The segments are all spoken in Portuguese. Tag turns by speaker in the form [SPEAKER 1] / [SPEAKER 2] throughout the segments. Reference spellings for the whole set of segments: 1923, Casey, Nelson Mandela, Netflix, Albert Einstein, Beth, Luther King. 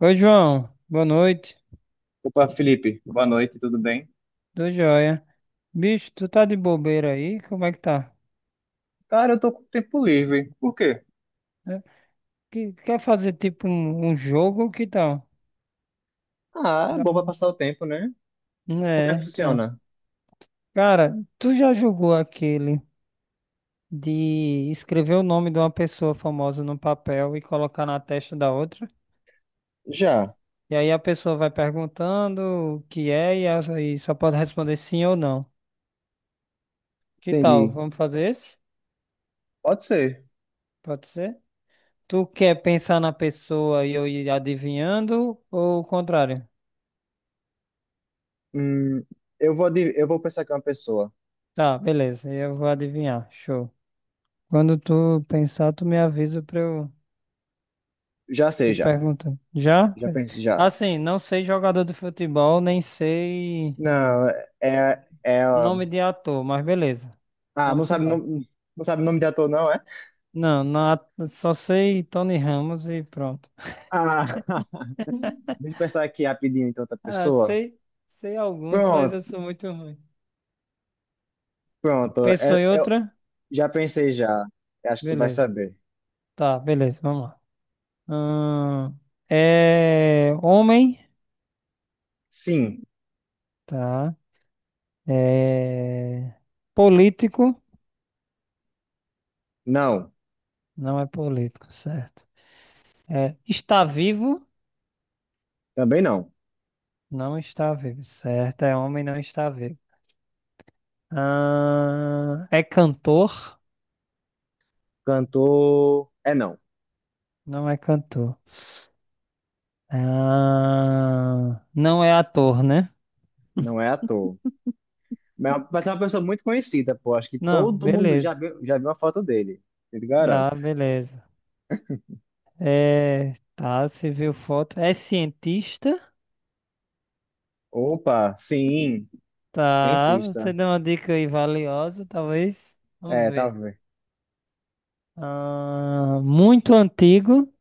[SPEAKER 1] Oi, João. Boa noite.
[SPEAKER 2] Opa, Felipe, boa noite, tudo bem?
[SPEAKER 1] Tô joia. Bicho, tu tá de bobeira aí? Como é que tá?
[SPEAKER 2] Cara, eu tô com tempo livre. Por quê?
[SPEAKER 1] É, Quer fazer tipo um jogo? Que tal?
[SPEAKER 2] Ah, é
[SPEAKER 1] Dá
[SPEAKER 2] bom pra
[SPEAKER 1] um...
[SPEAKER 2] passar o tempo, né? Como é
[SPEAKER 1] É,
[SPEAKER 2] que
[SPEAKER 1] então.
[SPEAKER 2] funciona?
[SPEAKER 1] Cara, tu já jogou aquele de escrever o nome de uma pessoa famosa no papel e colocar na testa da outra?
[SPEAKER 2] Já,
[SPEAKER 1] E aí a pessoa vai perguntando o que é e só pode responder sim ou não. Que tal?
[SPEAKER 2] entendi.
[SPEAKER 1] Vamos fazer esse?
[SPEAKER 2] Pode ser.
[SPEAKER 1] Pode ser? Tu quer pensar na pessoa e eu ir adivinhando ou o contrário?
[SPEAKER 2] Hum, eu vou pensar que é uma pessoa.
[SPEAKER 1] Tá, beleza, eu vou adivinhar. Show. Quando tu pensar, tu me avisa pra eu
[SPEAKER 2] Já sei,
[SPEAKER 1] ir
[SPEAKER 2] já.
[SPEAKER 1] perguntando. Já?
[SPEAKER 2] Já
[SPEAKER 1] Beleza.
[SPEAKER 2] pensei, já.
[SPEAKER 1] Assim, não sei jogador de futebol, nem sei
[SPEAKER 2] Não, é.
[SPEAKER 1] nome de ator, mas beleza.
[SPEAKER 2] Ah, não
[SPEAKER 1] Vamos
[SPEAKER 2] sabe, não,
[SPEAKER 1] embora.
[SPEAKER 2] não sabe o nome de ator, não, é?
[SPEAKER 1] Não, na- só sei Tony Ramos e pronto.
[SPEAKER 2] Ah, deixa eu pensar aqui rapidinho, então, outra
[SPEAKER 1] Ah,
[SPEAKER 2] pessoa.
[SPEAKER 1] sei, sei alguns, mas
[SPEAKER 2] Pronto,
[SPEAKER 1] eu sou muito ruim.
[SPEAKER 2] pronto.
[SPEAKER 1] Pensou
[SPEAKER 2] É-
[SPEAKER 1] em
[SPEAKER 2] eu
[SPEAKER 1] outra?
[SPEAKER 2] já pensei, já. Eu acho que tu vai
[SPEAKER 1] Beleza.
[SPEAKER 2] saber.
[SPEAKER 1] Tá, beleza, vamos lá. Ahn, é homem,
[SPEAKER 2] Sim,
[SPEAKER 1] tá? É político,
[SPEAKER 2] não,
[SPEAKER 1] não é político, certo? É, está vivo,
[SPEAKER 2] também não.
[SPEAKER 1] não está vivo, certo? É homem, não está vivo. É cantor,
[SPEAKER 2] Cantor. É não,
[SPEAKER 1] não é cantor. Não é ator, né?
[SPEAKER 2] não é ator. Mas é uma pessoa muito conhecida, pô. Acho que
[SPEAKER 1] Não,
[SPEAKER 2] todo mundo já
[SPEAKER 1] beleza.
[SPEAKER 2] viu, já viu a foto dele. Eu te garanto.
[SPEAKER 1] Ah, beleza. É, tá, você viu foto. É cientista?
[SPEAKER 2] Opa, sim,
[SPEAKER 1] Tá, você
[SPEAKER 2] cientista.
[SPEAKER 1] deu uma dica aí valiosa, talvez. Vamos
[SPEAKER 2] É, tá
[SPEAKER 1] ver.
[SPEAKER 2] vendo?
[SPEAKER 1] Ah, muito antigo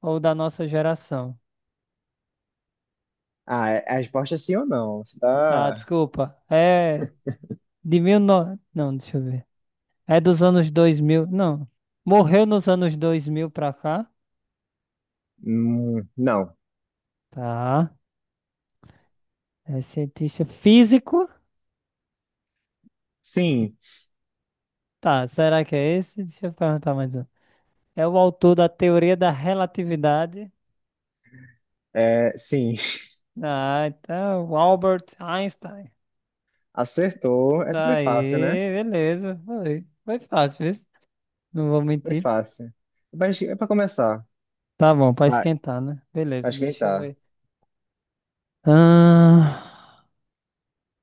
[SPEAKER 1] ou da nossa geração?
[SPEAKER 2] Ah, a resposta é sim ou não? Você
[SPEAKER 1] Tá,
[SPEAKER 2] tá.
[SPEAKER 1] desculpa. É de mil no... Não, deixa eu ver. É dos anos 2000? Não. Morreu nos anos 2000 pra cá.
[SPEAKER 2] Não.
[SPEAKER 1] Tá. É cientista físico.
[SPEAKER 2] Sim,
[SPEAKER 1] Tá, será que é esse? Deixa eu perguntar mais um. É o autor da teoria da relatividade.
[SPEAKER 2] é, sim.
[SPEAKER 1] Ah, então, Albert Einstein.
[SPEAKER 2] Acertou. Essa foi fácil, né?
[SPEAKER 1] Aí, beleza. Foi, foi fácil, viu? Não vou
[SPEAKER 2] Foi
[SPEAKER 1] mentir.
[SPEAKER 2] fácil. Mas é pra começar.
[SPEAKER 1] Tá bom, pra
[SPEAKER 2] Vai,
[SPEAKER 1] esquentar, né?
[SPEAKER 2] pra
[SPEAKER 1] Beleza, deixa eu
[SPEAKER 2] esquentar.
[SPEAKER 1] ver. Ah,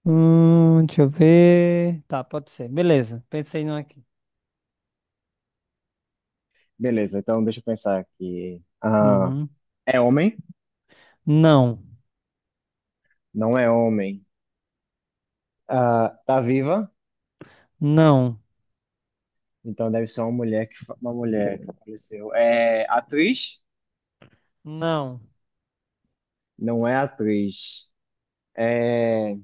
[SPEAKER 1] deixa eu ver. Tá, pode ser. Beleza, pensei num aqui.
[SPEAKER 2] Beleza, então deixa eu pensar aqui. Ah,
[SPEAKER 1] Uhum.
[SPEAKER 2] é homem?
[SPEAKER 1] Não,
[SPEAKER 2] Não é homem. Ah, tá viva?
[SPEAKER 1] não,
[SPEAKER 2] Então deve ser uma mulher uma mulher que faleceu. É atriz?
[SPEAKER 1] não.
[SPEAKER 2] Não é atriz. É,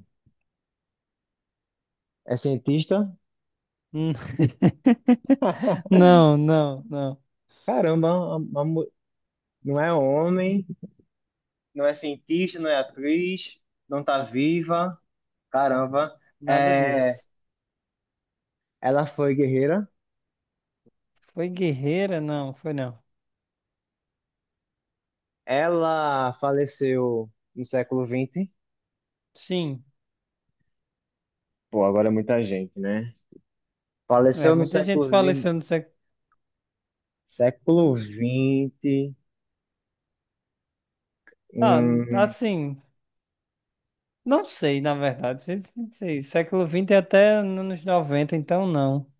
[SPEAKER 2] é cientista?
[SPEAKER 1] Hum. Não, não, não.
[SPEAKER 2] Caramba, uma- uma mu- não é homem, não é cientista, não é atriz, não tá viva. Caramba.
[SPEAKER 1] Nada
[SPEAKER 2] É,
[SPEAKER 1] disso.
[SPEAKER 2] ela foi guerreira.
[SPEAKER 1] Foi guerreira? Não, foi não.
[SPEAKER 2] Ela faleceu no século vinte.
[SPEAKER 1] Sim.
[SPEAKER 2] Pô, agora é muita gente, né?
[SPEAKER 1] É,
[SPEAKER 2] Faleceu no
[SPEAKER 1] muita gente
[SPEAKER 2] século
[SPEAKER 1] fala isso
[SPEAKER 2] vinte.
[SPEAKER 1] no século.
[SPEAKER 2] Século vinte.
[SPEAKER 1] Ah,
[SPEAKER 2] hum,
[SPEAKER 1] assim. Não sei, na verdade. Não sei. Século XX é até anos 90, então não.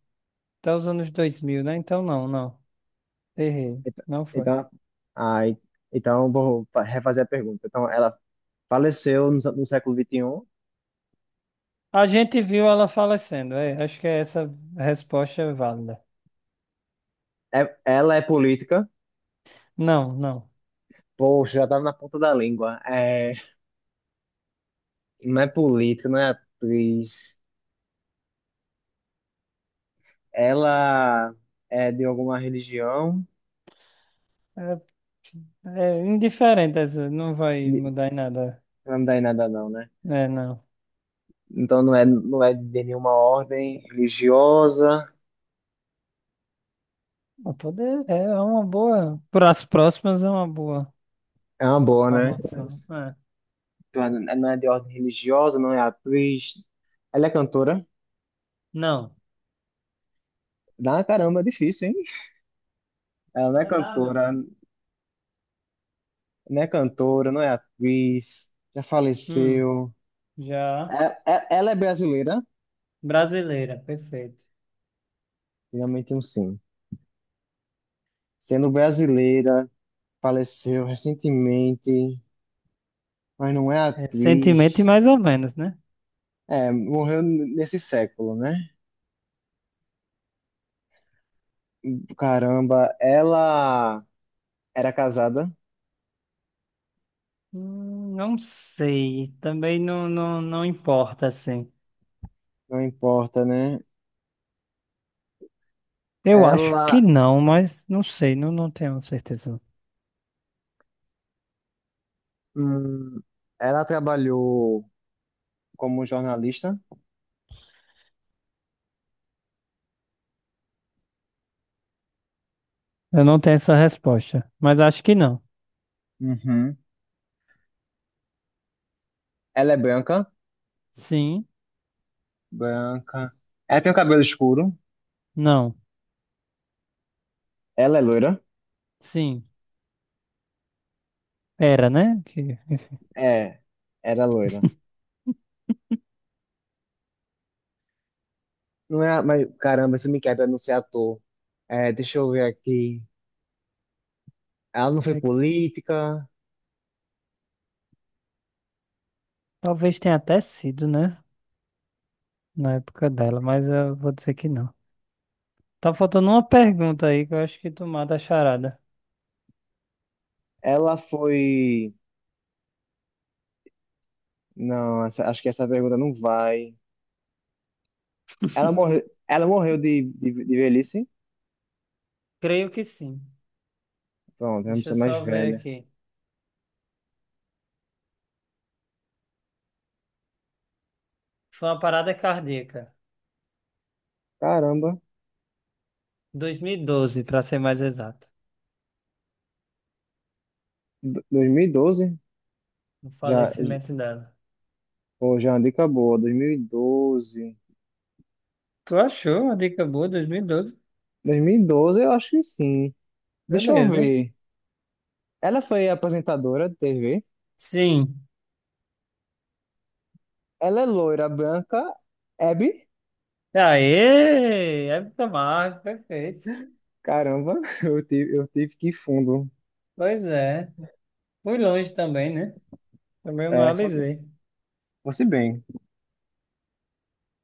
[SPEAKER 1] Até os anos 2000, né? Então não, não. Errei.
[SPEAKER 2] Então,
[SPEAKER 1] Não foi.
[SPEAKER 2] então, ah, então refazer a pergunta. Então, ela faleceu no século XXI.
[SPEAKER 1] A gente viu ela falecendo. É, acho que essa resposta é válida.
[SPEAKER 2] É, ela é política.
[SPEAKER 1] Não, não.
[SPEAKER 2] Poxa, já estava na ponta da língua. É, não é política, não é atriz. Ela é de alguma religião.
[SPEAKER 1] É, é indiferente essa. Não vai
[SPEAKER 2] De-
[SPEAKER 1] mudar em nada.
[SPEAKER 2] Não dá em nada, não, né?
[SPEAKER 1] É, não.
[SPEAKER 2] Então, não é de nenhuma ordem religiosa.
[SPEAKER 1] Mas poder é uma boa. Para as próximas é uma boa
[SPEAKER 2] É uma boa, né?
[SPEAKER 1] informação. É.
[SPEAKER 2] Então, não é de ordem religiosa, não é atriz. Ela é cantora.
[SPEAKER 1] Não.
[SPEAKER 2] Dá uma caramba, é difícil, hein? Ela não é
[SPEAKER 1] Não é nada.
[SPEAKER 2] cantora, não é atriz, já
[SPEAKER 1] Hum,
[SPEAKER 2] faleceu.
[SPEAKER 1] já.
[SPEAKER 2] Ela é brasileira?
[SPEAKER 1] Brasileira, perfeito.
[SPEAKER 2] Finalmente um sim. Sendo brasileira, faleceu recentemente, mas não é
[SPEAKER 1] Recentemente,
[SPEAKER 2] atriz.
[SPEAKER 1] mais ou menos, né?
[SPEAKER 2] É, morreu nesse século, né? Caramba, ela era casada,
[SPEAKER 1] Não sei. Também não, não, não importa, assim.
[SPEAKER 2] não importa, né?
[SPEAKER 1] Eu acho
[SPEAKER 2] Ela,
[SPEAKER 1] que não, mas não sei. Não, não tenho certeza.
[SPEAKER 2] hum, ela trabalhou como jornalista.
[SPEAKER 1] Eu não tenho essa resposta. Mas acho que não.
[SPEAKER 2] Uhum. Ela é branca,
[SPEAKER 1] Sim,
[SPEAKER 2] branca. Ela tem o cabelo escuro.
[SPEAKER 1] não.
[SPEAKER 2] Ela é loira?
[SPEAKER 1] Sim. Era, né? Que, enfim.
[SPEAKER 2] É, era loira. Não é, mas caramba, isso me quebra não ser ator. É, deixa eu ver aqui. Ela não foi
[SPEAKER 1] É,
[SPEAKER 2] política.
[SPEAKER 1] talvez tenha até sido, né? Na época dela, mas eu vou dizer que não. Tá faltando uma pergunta aí que eu acho que tu mata a charada.
[SPEAKER 2] Ela foi. Não, acho que essa pergunta não vai. Ela morreu, ela morreu de velhice.
[SPEAKER 1] Creio que sim.
[SPEAKER 2] Pronto, é uma
[SPEAKER 1] Deixa eu
[SPEAKER 2] pessoa mais
[SPEAKER 1] só ver
[SPEAKER 2] velha.
[SPEAKER 1] aqui. Foi uma parada cardíaca.
[SPEAKER 2] Caramba,
[SPEAKER 1] 2012, para ser mais exato.
[SPEAKER 2] 2012?
[SPEAKER 1] O
[SPEAKER 2] Já,
[SPEAKER 1] falecimento dela.
[SPEAKER 2] pô, já é uma dica boa. 2012.
[SPEAKER 1] Tu achou uma dica boa, 2012.
[SPEAKER 2] 2012, eu acho que sim. Deixa eu
[SPEAKER 1] Beleza.
[SPEAKER 2] ver. Ela foi apresentadora de TV?
[SPEAKER 1] Sim.
[SPEAKER 2] Ela é loira, branca, Abby?
[SPEAKER 1] Aê! Época marca, perfeito.
[SPEAKER 2] Caramba, eu tive que ir fundo.
[SPEAKER 1] Pois é. Fui longe também, né? Também não
[SPEAKER 2] É,
[SPEAKER 1] analisei.
[SPEAKER 2] fosse bem.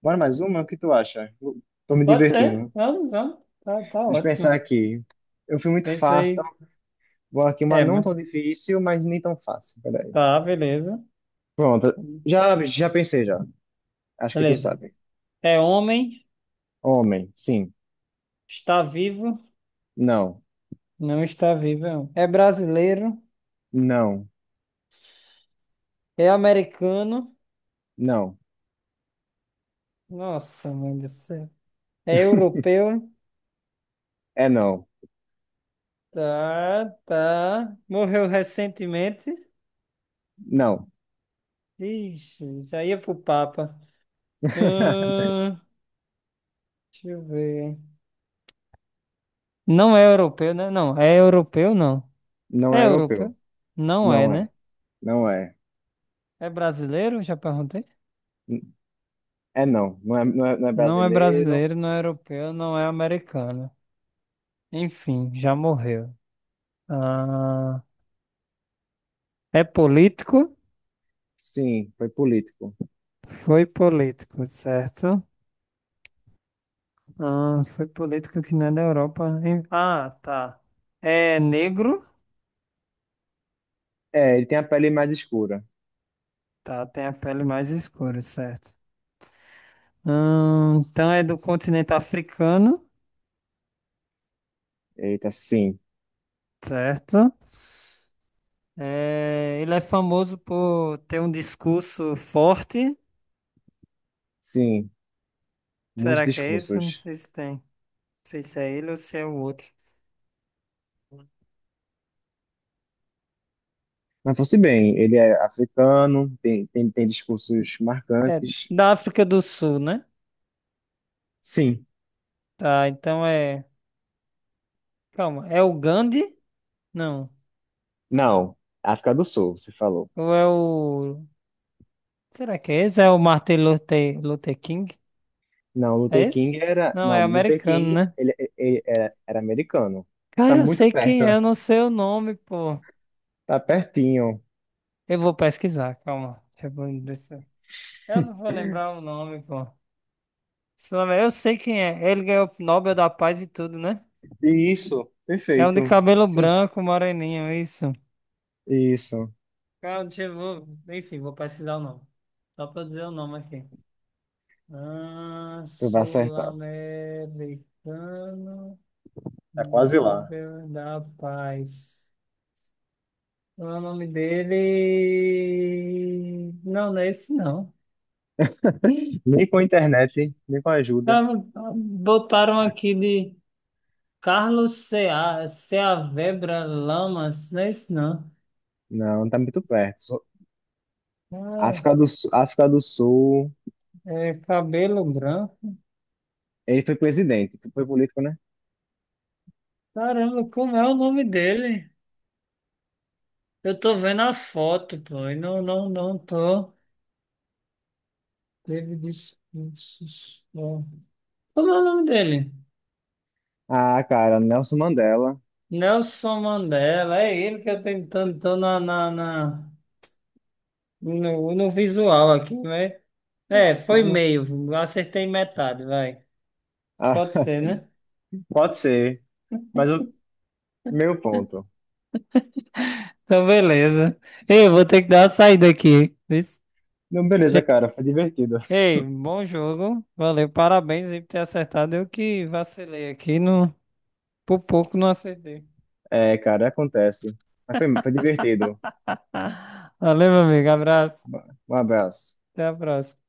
[SPEAKER 2] Bora mais uma? O que tu acha? Eu tô me
[SPEAKER 1] Pode ser.
[SPEAKER 2] divertindo.
[SPEAKER 1] Vamos, vamos. Tá, tá
[SPEAKER 2] Deixa eu pensar
[SPEAKER 1] ótimo.
[SPEAKER 2] aqui. Eu fui muito fácil, tá?
[SPEAKER 1] Pensei.
[SPEAKER 2] Vou aqui uma
[SPEAKER 1] É,
[SPEAKER 2] não
[SPEAKER 1] mas.
[SPEAKER 2] tão difícil, mas nem tão fácil. Peraí.
[SPEAKER 1] Tá, beleza.
[SPEAKER 2] Pronto. Já, já pensei, já. Acho que tu
[SPEAKER 1] Beleza.
[SPEAKER 2] sabe.
[SPEAKER 1] É homem,
[SPEAKER 2] Homem, sim.
[SPEAKER 1] está vivo.
[SPEAKER 2] Não.
[SPEAKER 1] Não está vivo. É brasileiro.
[SPEAKER 2] Não.
[SPEAKER 1] É americano.
[SPEAKER 2] Não.
[SPEAKER 1] Nossa, mãe do céu. É europeu.
[SPEAKER 2] É não.
[SPEAKER 1] Tá, tá. Morreu recentemente.
[SPEAKER 2] Não.
[SPEAKER 1] Ixi, já ia pro Papa. Hum, deixa eu ver. Não é europeu, né? Não, é europeu, não.
[SPEAKER 2] Não é
[SPEAKER 1] É
[SPEAKER 2] europeu.
[SPEAKER 1] europeu? Não é,
[SPEAKER 2] Não
[SPEAKER 1] né?
[SPEAKER 2] é. Não é.
[SPEAKER 1] É brasileiro? Já perguntei.
[SPEAKER 2] É não, não é,
[SPEAKER 1] Não é
[SPEAKER 2] brasileiro.
[SPEAKER 1] brasileiro, não é europeu, não é americano. Enfim, já morreu. Ah, é político?
[SPEAKER 2] Sim, foi político.
[SPEAKER 1] Foi político, certo? Ah, foi política que não é da Europa, hein? Ah, tá. É negro?
[SPEAKER 2] É, ele tem a pele mais escura.
[SPEAKER 1] Tá, tem a pele mais escura, certo. Então é do continente africano,
[SPEAKER 2] Eita, sim,
[SPEAKER 1] certo? É, ele é famoso por ter um discurso forte.
[SPEAKER 2] sim, muitos
[SPEAKER 1] Será que é isso? Não
[SPEAKER 2] discursos.
[SPEAKER 1] sei se tem. Não sei se é ele ou se é o outro.
[SPEAKER 2] Mas fosse bem, ele é africano, tem discursos
[SPEAKER 1] É
[SPEAKER 2] marcantes.
[SPEAKER 1] da África do Sul, né?
[SPEAKER 2] Sim,
[SPEAKER 1] Tá, então é. Calma, é o Gandhi? Não.
[SPEAKER 2] não, África do Sul, você falou.
[SPEAKER 1] Ou é o. Será que é esse? É o Martin Luther King?
[SPEAKER 2] Não,
[SPEAKER 1] É
[SPEAKER 2] Luther
[SPEAKER 1] esse?
[SPEAKER 2] King era.
[SPEAKER 1] Não,
[SPEAKER 2] Não,
[SPEAKER 1] é
[SPEAKER 2] Luther
[SPEAKER 1] americano,
[SPEAKER 2] King,
[SPEAKER 1] né?
[SPEAKER 2] ele era americano. Você está
[SPEAKER 1] Cara, eu
[SPEAKER 2] muito
[SPEAKER 1] sei
[SPEAKER 2] perto,
[SPEAKER 1] quem é, eu não sei o nome, pô.
[SPEAKER 2] tá pertinho.
[SPEAKER 1] Eu vou pesquisar, calma. Deixa- eu não vou lembrar o nome, pô. Eu sei quem é. Ele ganhou o Nobel da Paz e tudo, né?
[SPEAKER 2] Isso,
[SPEAKER 1] É um de
[SPEAKER 2] perfeito.
[SPEAKER 1] cabelo
[SPEAKER 2] Sim,
[SPEAKER 1] branco, moreninho, isso.
[SPEAKER 2] isso,
[SPEAKER 1] Calma, deixa eu... vou- Enfim, vou pesquisar o nome. Só pra eu dizer o nome aqui. Ah,
[SPEAKER 2] tu vai acertar.
[SPEAKER 1] sul-americano,
[SPEAKER 2] Tá quase lá.
[SPEAKER 1] Nobel da Paz. O nome dele. Não, não é esse não.
[SPEAKER 2] Nem com internet, nem com ajuda.
[SPEAKER 1] Ah, botaram aqui de Carlos Cea, Ceavebra Lamas, não é esse não.
[SPEAKER 2] Não, não tá muito perto.
[SPEAKER 1] Ah,
[SPEAKER 2] África do Sul,
[SPEAKER 1] é cabelo branco.
[SPEAKER 2] ele foi presidente, foi político, né?
[SPEAKER 1] Caramba, como é o nome dele? Eu tô vendo a foto, pô, e não, não, não tô. Teve discursos, ó. Como é o nome dele?
[SPEAKER 2] Ah, cara, Nelson Mandela.
[SPEAKER 1] Nelson Mandela, é ele que eu tenho, tô tentando, tô no visual aqui, né? É,
[SPEAKER 2] Mas
[SPEAKER 1] foi
[SPEAKER 2] não,
[SPEAKER 1] meio, acertei metade, vai.
[SPEAKER 2] ah,
[SPEAKER 1] Pode ser, né?
[SPEAKER 2] pode ser, mas o meu ponto.
[SPEAKER 1] Então, beleza. Ei, vou ter que dar uma saída aqui. Isso.
[SPEAKER 2] Não,
[SPEAKER 1] Já-
[SPEAKER 2] beleza, cara, foi divertido.
[SPEAKER 1] Ei, bom jogo. Valeu, parabéns aí por ter acertado. Eu que vacilei aqui, no, por pouco não acertei.
[SPEAKER 2] É, cara, acontece. Mas foi divertido.
[SPEAKER 1] Valeu, meu amigo. Abraço.
[SPEAKER 2] Um abraço.
[SPEAKER 1] Até a próxima.